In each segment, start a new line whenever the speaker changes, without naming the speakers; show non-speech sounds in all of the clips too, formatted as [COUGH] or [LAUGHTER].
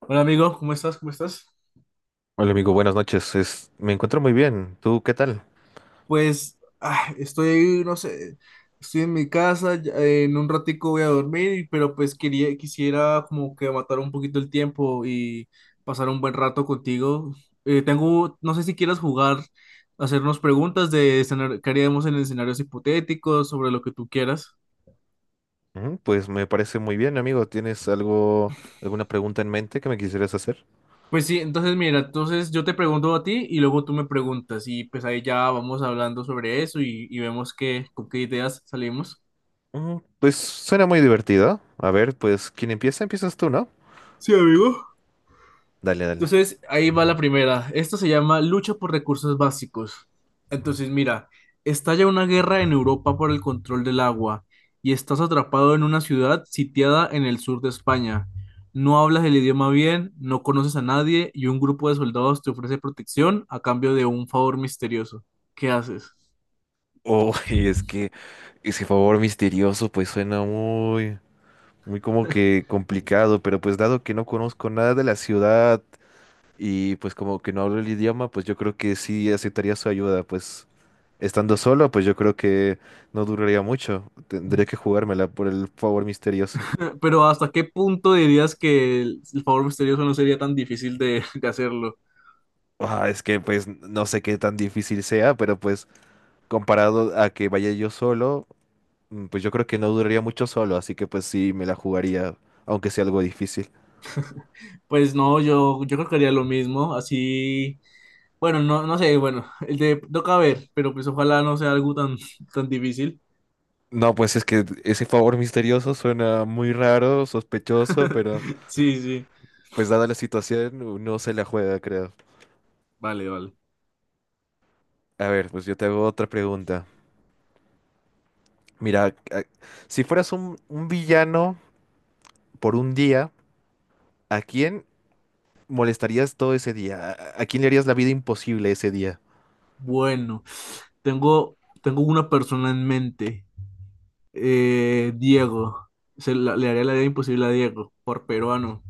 Hola amigo, ¿cómo estás? ¿Cómo estás?
Hola amigo, buenas noches. Me encuentro muy bien. ¿Tú qué tal?
Estoy, no sé, estoy en mi casa, en un ratico voy a dormir, pero pues quisiera como que matar un poquito el tiempo y pasar un buen rato contigo. Tengo, no sé si quieras jugar, hacernos preguntas que haríamos en escenarios hipotéticos, sobre lo que tú quieras.
Pues me parece muy bien, amigo. ¿Tienes algo, alguna pregunta en mente que me quisieras hacer?
Pues sí, entonces mira, entonces yo te pregunto a ti y luego tú me preguntas y pues ahí ya vamos hablando sobre eso y vemos qué, con qué ideas salimos.
Pues suena muy divertido. A ver, pues quien empieza, empiezas tú, ¿no?
Sí, amigo.
Dale, dale.
Entonces, ahí va la primera. Esto se llama lucha por recursos básicos. Entonces, mira, estalla una guerra en Europa por el control del agua y estás atrapado en una ciudad sitiada en el sur de España. No hablas el idioma bien, no conoces a nadie y un grupo de soldados te ofrece protección a cambio de un favor misterioso. ¿Qué haces?
Oh, [LAUGHS] y es que ese favor misterioso pues suena muy, muy como que complicado, pero pues dado que no conozco nada de la ciudad y pues como que no hablo el idioma, pues yo creo que sí aceptaría su ayuda, pues estando solo, pues yo creo que no duraría mucho, tendré que
[LAUGHS]
jugármela por el favor misterioso.
Pero ¿hasta qué punto dirías que el favor misterioso no sería tan difícil de, [LAUGHS] de hacerlo?
Ah, es que pues no sé qué tan difícil sea, pero pues comparado a que vaya yo solo, pues yo creo que no duraría mucho solo, así que pues sí me la jugaría, aunque sea algo difícil.
Pues no, yo creo que haría lo mismo, así. Bueno, no, no sé, bueno, [LAUGHS] el de toca ver, pero pues ojalá no sea algo tan, tan difícil.
No, pues es que ese favor misterioso suena muy raro, sospechoso, pero
[LAUGHS] Sí, sí.
pues dada la situación uno se la juega, creo.
Vale, vale.
A ver, pues yo te hago otra pregunta. Mira, a- si fueras un villano por un día, ¿a quién molestarías todo ese día? A quién le harías la vida imposible ese día?
Bueno, tengo, tengo una persona en mente. Diego. Le haría la idea imposible a Diego, por peruano.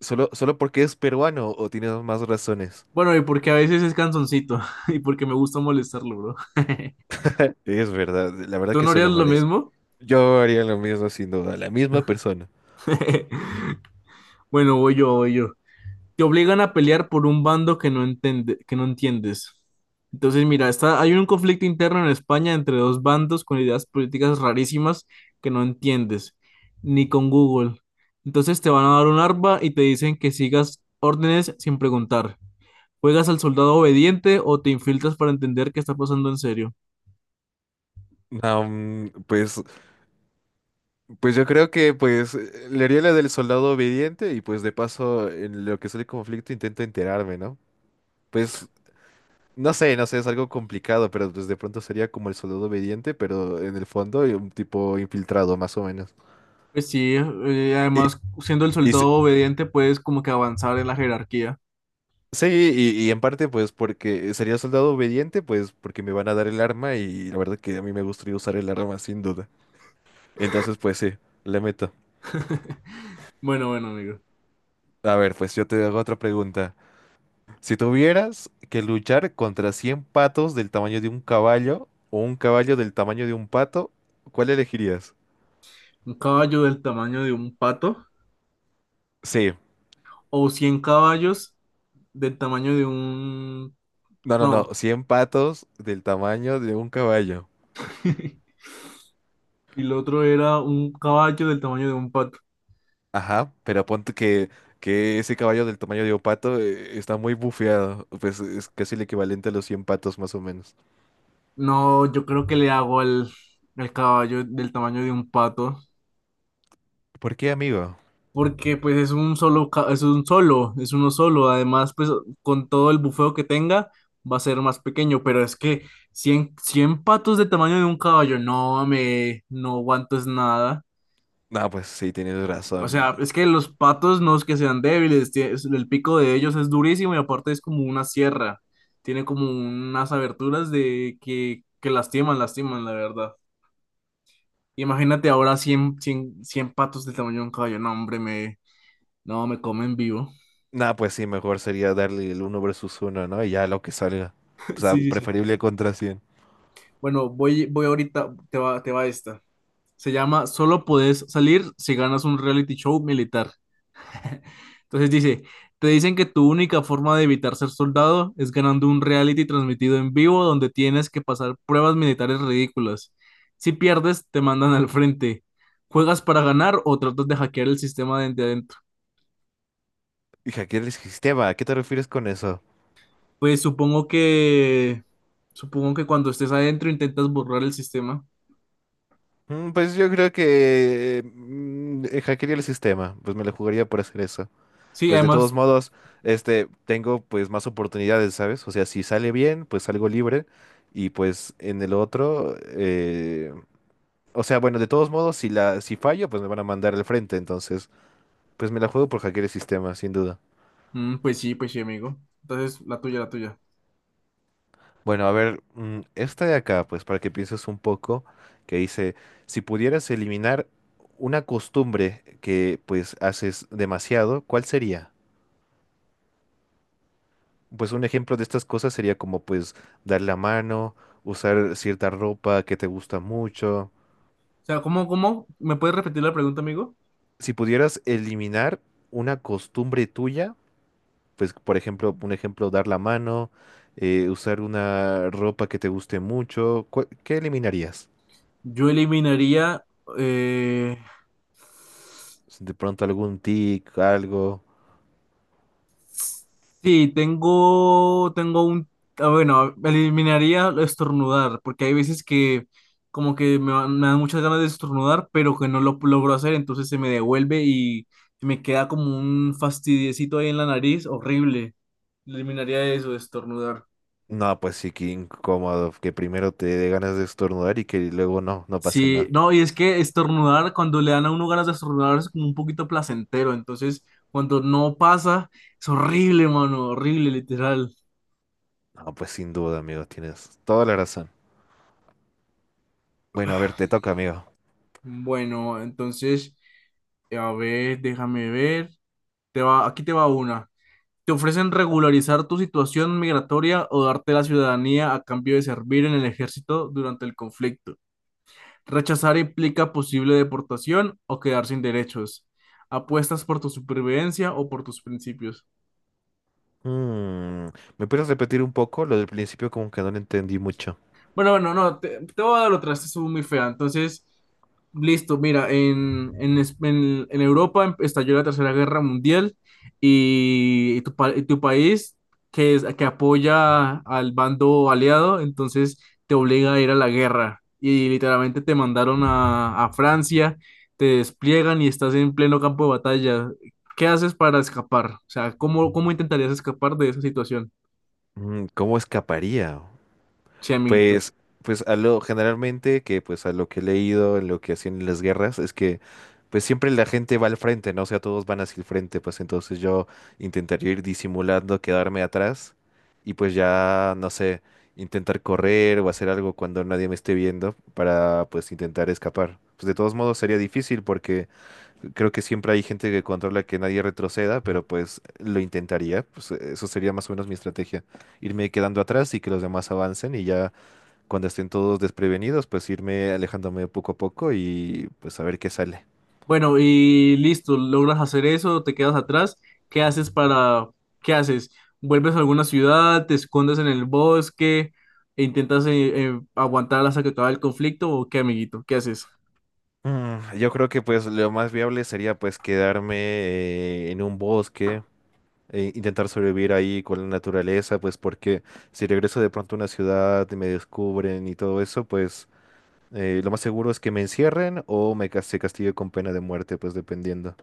¿Solo, solo porque es peruano o tienes más razones?
Bueno, y porque a veces es canzoncito [LAUGHS] y porque me gusta molestarlo, bro. [LAUGHS]
Es verdad, la verdad
¿Tú
que
no
se
harías
lo
lo
merece.
mismo?
Yo haría lo mismo sin duda, la misma persona.
[LAUGHS] Bueno, voy yo. Te obligan a pelear por un bando que no entiendes. Entonces, mira, hay un conflicto interno en España entre dos bandos con ideas políticas rarísimas que no entiendes, ni con Google. Entonces te van a dar un arma y te dicen que sigas órdenes sin preguntar. ¿Juegas al soldado obediente o te infiltras para entender qué está pasando en serio?
Ah, pues, pues yo creo que pues le haría la del soldado obediente y pues de paso en lo que es el conflicto intento enterarme, ¿no? Pues no sé, no sé, es algo complicado, pero pues de pronto sería como el soldado obediente, pero en el fondo un tipo infiltrado, más o menos.
Pues sí,
Y,
además, siendo el
y s-
soldado obediente, puedes como que avanzar en la jerarquía.
sí, y en parte pues porque sería soldado obediente, pues porque me van a dar el arma y la verdad que a mí me gustaría usar el arma sin duda. Entonces pues sí, le meto.
[LAUGHS] Bueno, bueno, amigo.
A ver, pues yo te hago otra pregunta. Si tuvieras que luchar contra 100 patos del tamaño de un caballo o un caballo del tamaño de un pato, ¿cuál elegirías?
Un caballo del tamaño de un pato
Sí.
o 100 caballos del tamaño de un...
No, no, no,
No,
100 patos del tamaño de un caballo.
[LAUGHS] y el otro era un caballo del tamaño de un pato.
Ajá, pero ponte que ese caballo del tamaño de un pato está muy bufeado. Pues es casi el equivalente a los 100 patos más o menos.
No, yo creo que al caballo del tamaño de un pato,
¿Por qué, amigo?
porque pues es un solo, ca- es un solo, es uno solo. Además, pues con todo el bufeo que tenga, va a ser más pequeño, pero es que 100 patos del tamaño de un caballo, no, me, no aguanto es nada.
No, pues sí, tienes
O
razón.
sea, es que los patos no es que sean débiles, el pico de ellos es durísimo y aparte es como una sierra. Tiene como unas aberturas de que lastiman, lastiman, la verdad. Imagínate ahora 100 patos del tamaño de un caballo. No, hombre, me, no, me comen vivo.
No, pues sí, mejor sería darle el 1 versus uno, ¿no? Y ya lo que salga. O
[LAUGHS]
sea,
Sí, sí, sí.
preferible contra 100.
Bueno, voy ahorita, te va esta. Se llama Solo podés salir si ganas un reality show militar. Entonces dice, te dicen que tu única forma de evitar ser soldado es ganando un reality transmitido en vivo donde tienes que pasar pruebas militares ridículas. Si pierdes, te mandan al frente. ¿Juegas para ganar o tratas de hackear el sistema desde adentro?
Y hackear el sistema, ¿a qué te refieres con eso?
Pues supongo que Supongo que cuando estés adentro intentas borrar el sistema.
Pues yo creo que hackearía el sistema. Pues me lo jugaría por hacer eso.
Sí,
Pues de todos
además,
modos, este, tengo pues más oportunidades, ¿sabes? O sea, si sale bien, pues salgo libre y pues en el otro, o sea, bueno, de todos modos, si la, si fallo, pues me van a mandar al frente, entonces, pues me la juego por hackear el sistema, sin duda.
mm, pues sí, amigo. Entonces, la tuya.
Bueno, a ver, esta de acá, pues para que pienses un poco, que dice, si pudieras eliminar una costumbre que pues haces demasiado, ¿cuál sería? Pues un ejemplo de estas cosas sería como pues dar la mano, usar cierta ropa que te gusta mucho.
O sea, ¿cómo, cómo? ¿Me puedes repetir la pregunta, amigo?
Si pudieras eliminar una costumbre tuya, pues por ejemplo, un ejemplo, dar la mano, usar una ropa que te guste mucho, ¿qué eliminarías?
Yo eliminaría eh,
De pronto algún tic, algo.
sí, tengo un, ah, bueno, eliminaría estornudar, porque hay veces que como que me dan muchas ganas de estornudar, pero que no lo logro hacer, entonces se me devuelve y me queda como un fastidiecito ahí en la nariz, horrible. Eliminaría eso, estornudar.
No, pues sí, qué incómodo, que primero te dé ganas de estornudar y que luego no, no pase
Sí,
nada.
no, y es que estornudar, cuando le dan a uno ganas de estornudar es como un poquito placentero, entonces cuando no pasa, es horrible, mano, horrible, literal.
No, pues sin duda, amigo, tienes toda la razón. Bueno, a ver, te toca, amigo.
Bueno, entonces... A ver, déjame ver. Te va, aquí te va una. Te ofrecen regularizar tu situación migratoria o darte la ciudadanía a cambio de servir en el ejército durante el conflicto. Rechazar implica posible deportación o quedar sin derechos. Apuestas por tu supervivencia o por tus principios.
Mm. ¿Me puedes repetir un poco? Lo del principio como que no lo entendí mucho.
Bueno, bueno, no, te voy a dar otra, esta estuvo muy fea. Entonces, listo, mira, en Europa estalló la Tercera Guerra Mundial y y tu país, que apoya al bando aliado, entonces te obliga a ir a la guerra. Y literalmente te mandaron a Francia, te despliegan y estás en pleno campo de batalla. ¿Qué haces para escapar? O sea, ¿cómo, cómo intentarías escapar de esa situación?
Mm. ¿Cómo escaparía?
Che, amiguito.
Pues, pues a lo generalmente que pues a lo que he leído, en lo que hacían en las guerras, es que pues siempre la gente va al frente, ¿no? O sea, todos van hacia el frente, pues entonces yo intentaría ir disimulando, quedarme atrás y pues ya, no sé, intentar correr o hacer algo cuando nadie me esté viendo para pues intentar escapar. Pues de todos modos sería difícil porque creo que siempre hay gente que controla que nadie retroceda, pero pues lo intentaría. Pues eso sería más o menos mi estrategia. Irme quedando atrás y que los demás avancen y ya cuando estén todos desprevenidos, pues irme alejándome poco a poco y pues a ver qué sale.
Bueno, y listo, logras hacer eso, te quedas atrás. ¿Qué haces para... ¿Qué haces? ¿Vuelves a alguna ciudad? ¿Te escondes en el bosque? E ¿Intentas aguantar hasta que acabe el conflicto? ¿O qué, amiguito? ¿Qué haces?
Yo creo que pues lo más viable sería pues quedarme en un bosque, e intentar sobrevivir ahí con la naturaleza, pues porque si regreso de pronto a una ciudad y me descubren y todo eso, pues… lo más seguro es que me encierren o se castigue con pena de muerte, pues dependiendo.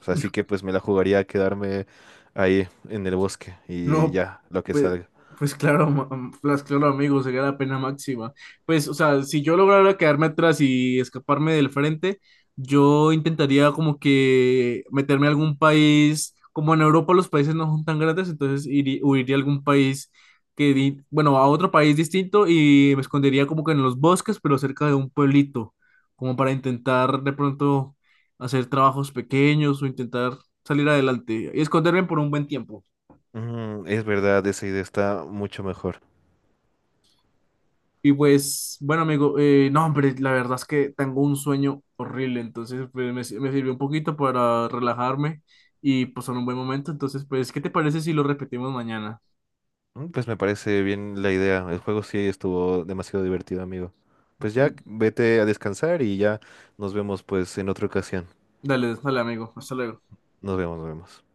O sea, así que pues me la jugaría a quedarme ahí en el bosque y
No,
ya, lo que
pues,
salga.
pues claro, pues claro, amigo, sería la pena máxima. Pues, o sea, si yo lograra quedarme atrás y escaparme del frente, yo intentaría como que meterme a algún país, como en Europa los países no son tan grandes, entonces huiría a algún país bueno, a otro país distinto y me escondería como que en los bosques, pero cerca de un pueblito, como para intentar de pronto hacer trabajos pequeños o intentar salir adelante y esconderme por un buen tiempo.
Es verdad, esa idea está mucho mejor.
Y pues, bueno, amigo, no, hombre, la verdad es que tengo un sueño horrible, entonces pues, me, si- me sirvió un poquito para relajarme y pues en un buen momento, entonces pues, ¿qué te parece si lo repetimos mañana?
Pues me parece bien la idea. El juego sí estuvo demasiado divertido, amigo. Pues ya
Mm,
vete a descansar y ya nos vemos pues en otra ocasión.
dale, dale, amigo, hasta luego.
Nos vemos, nos vemos.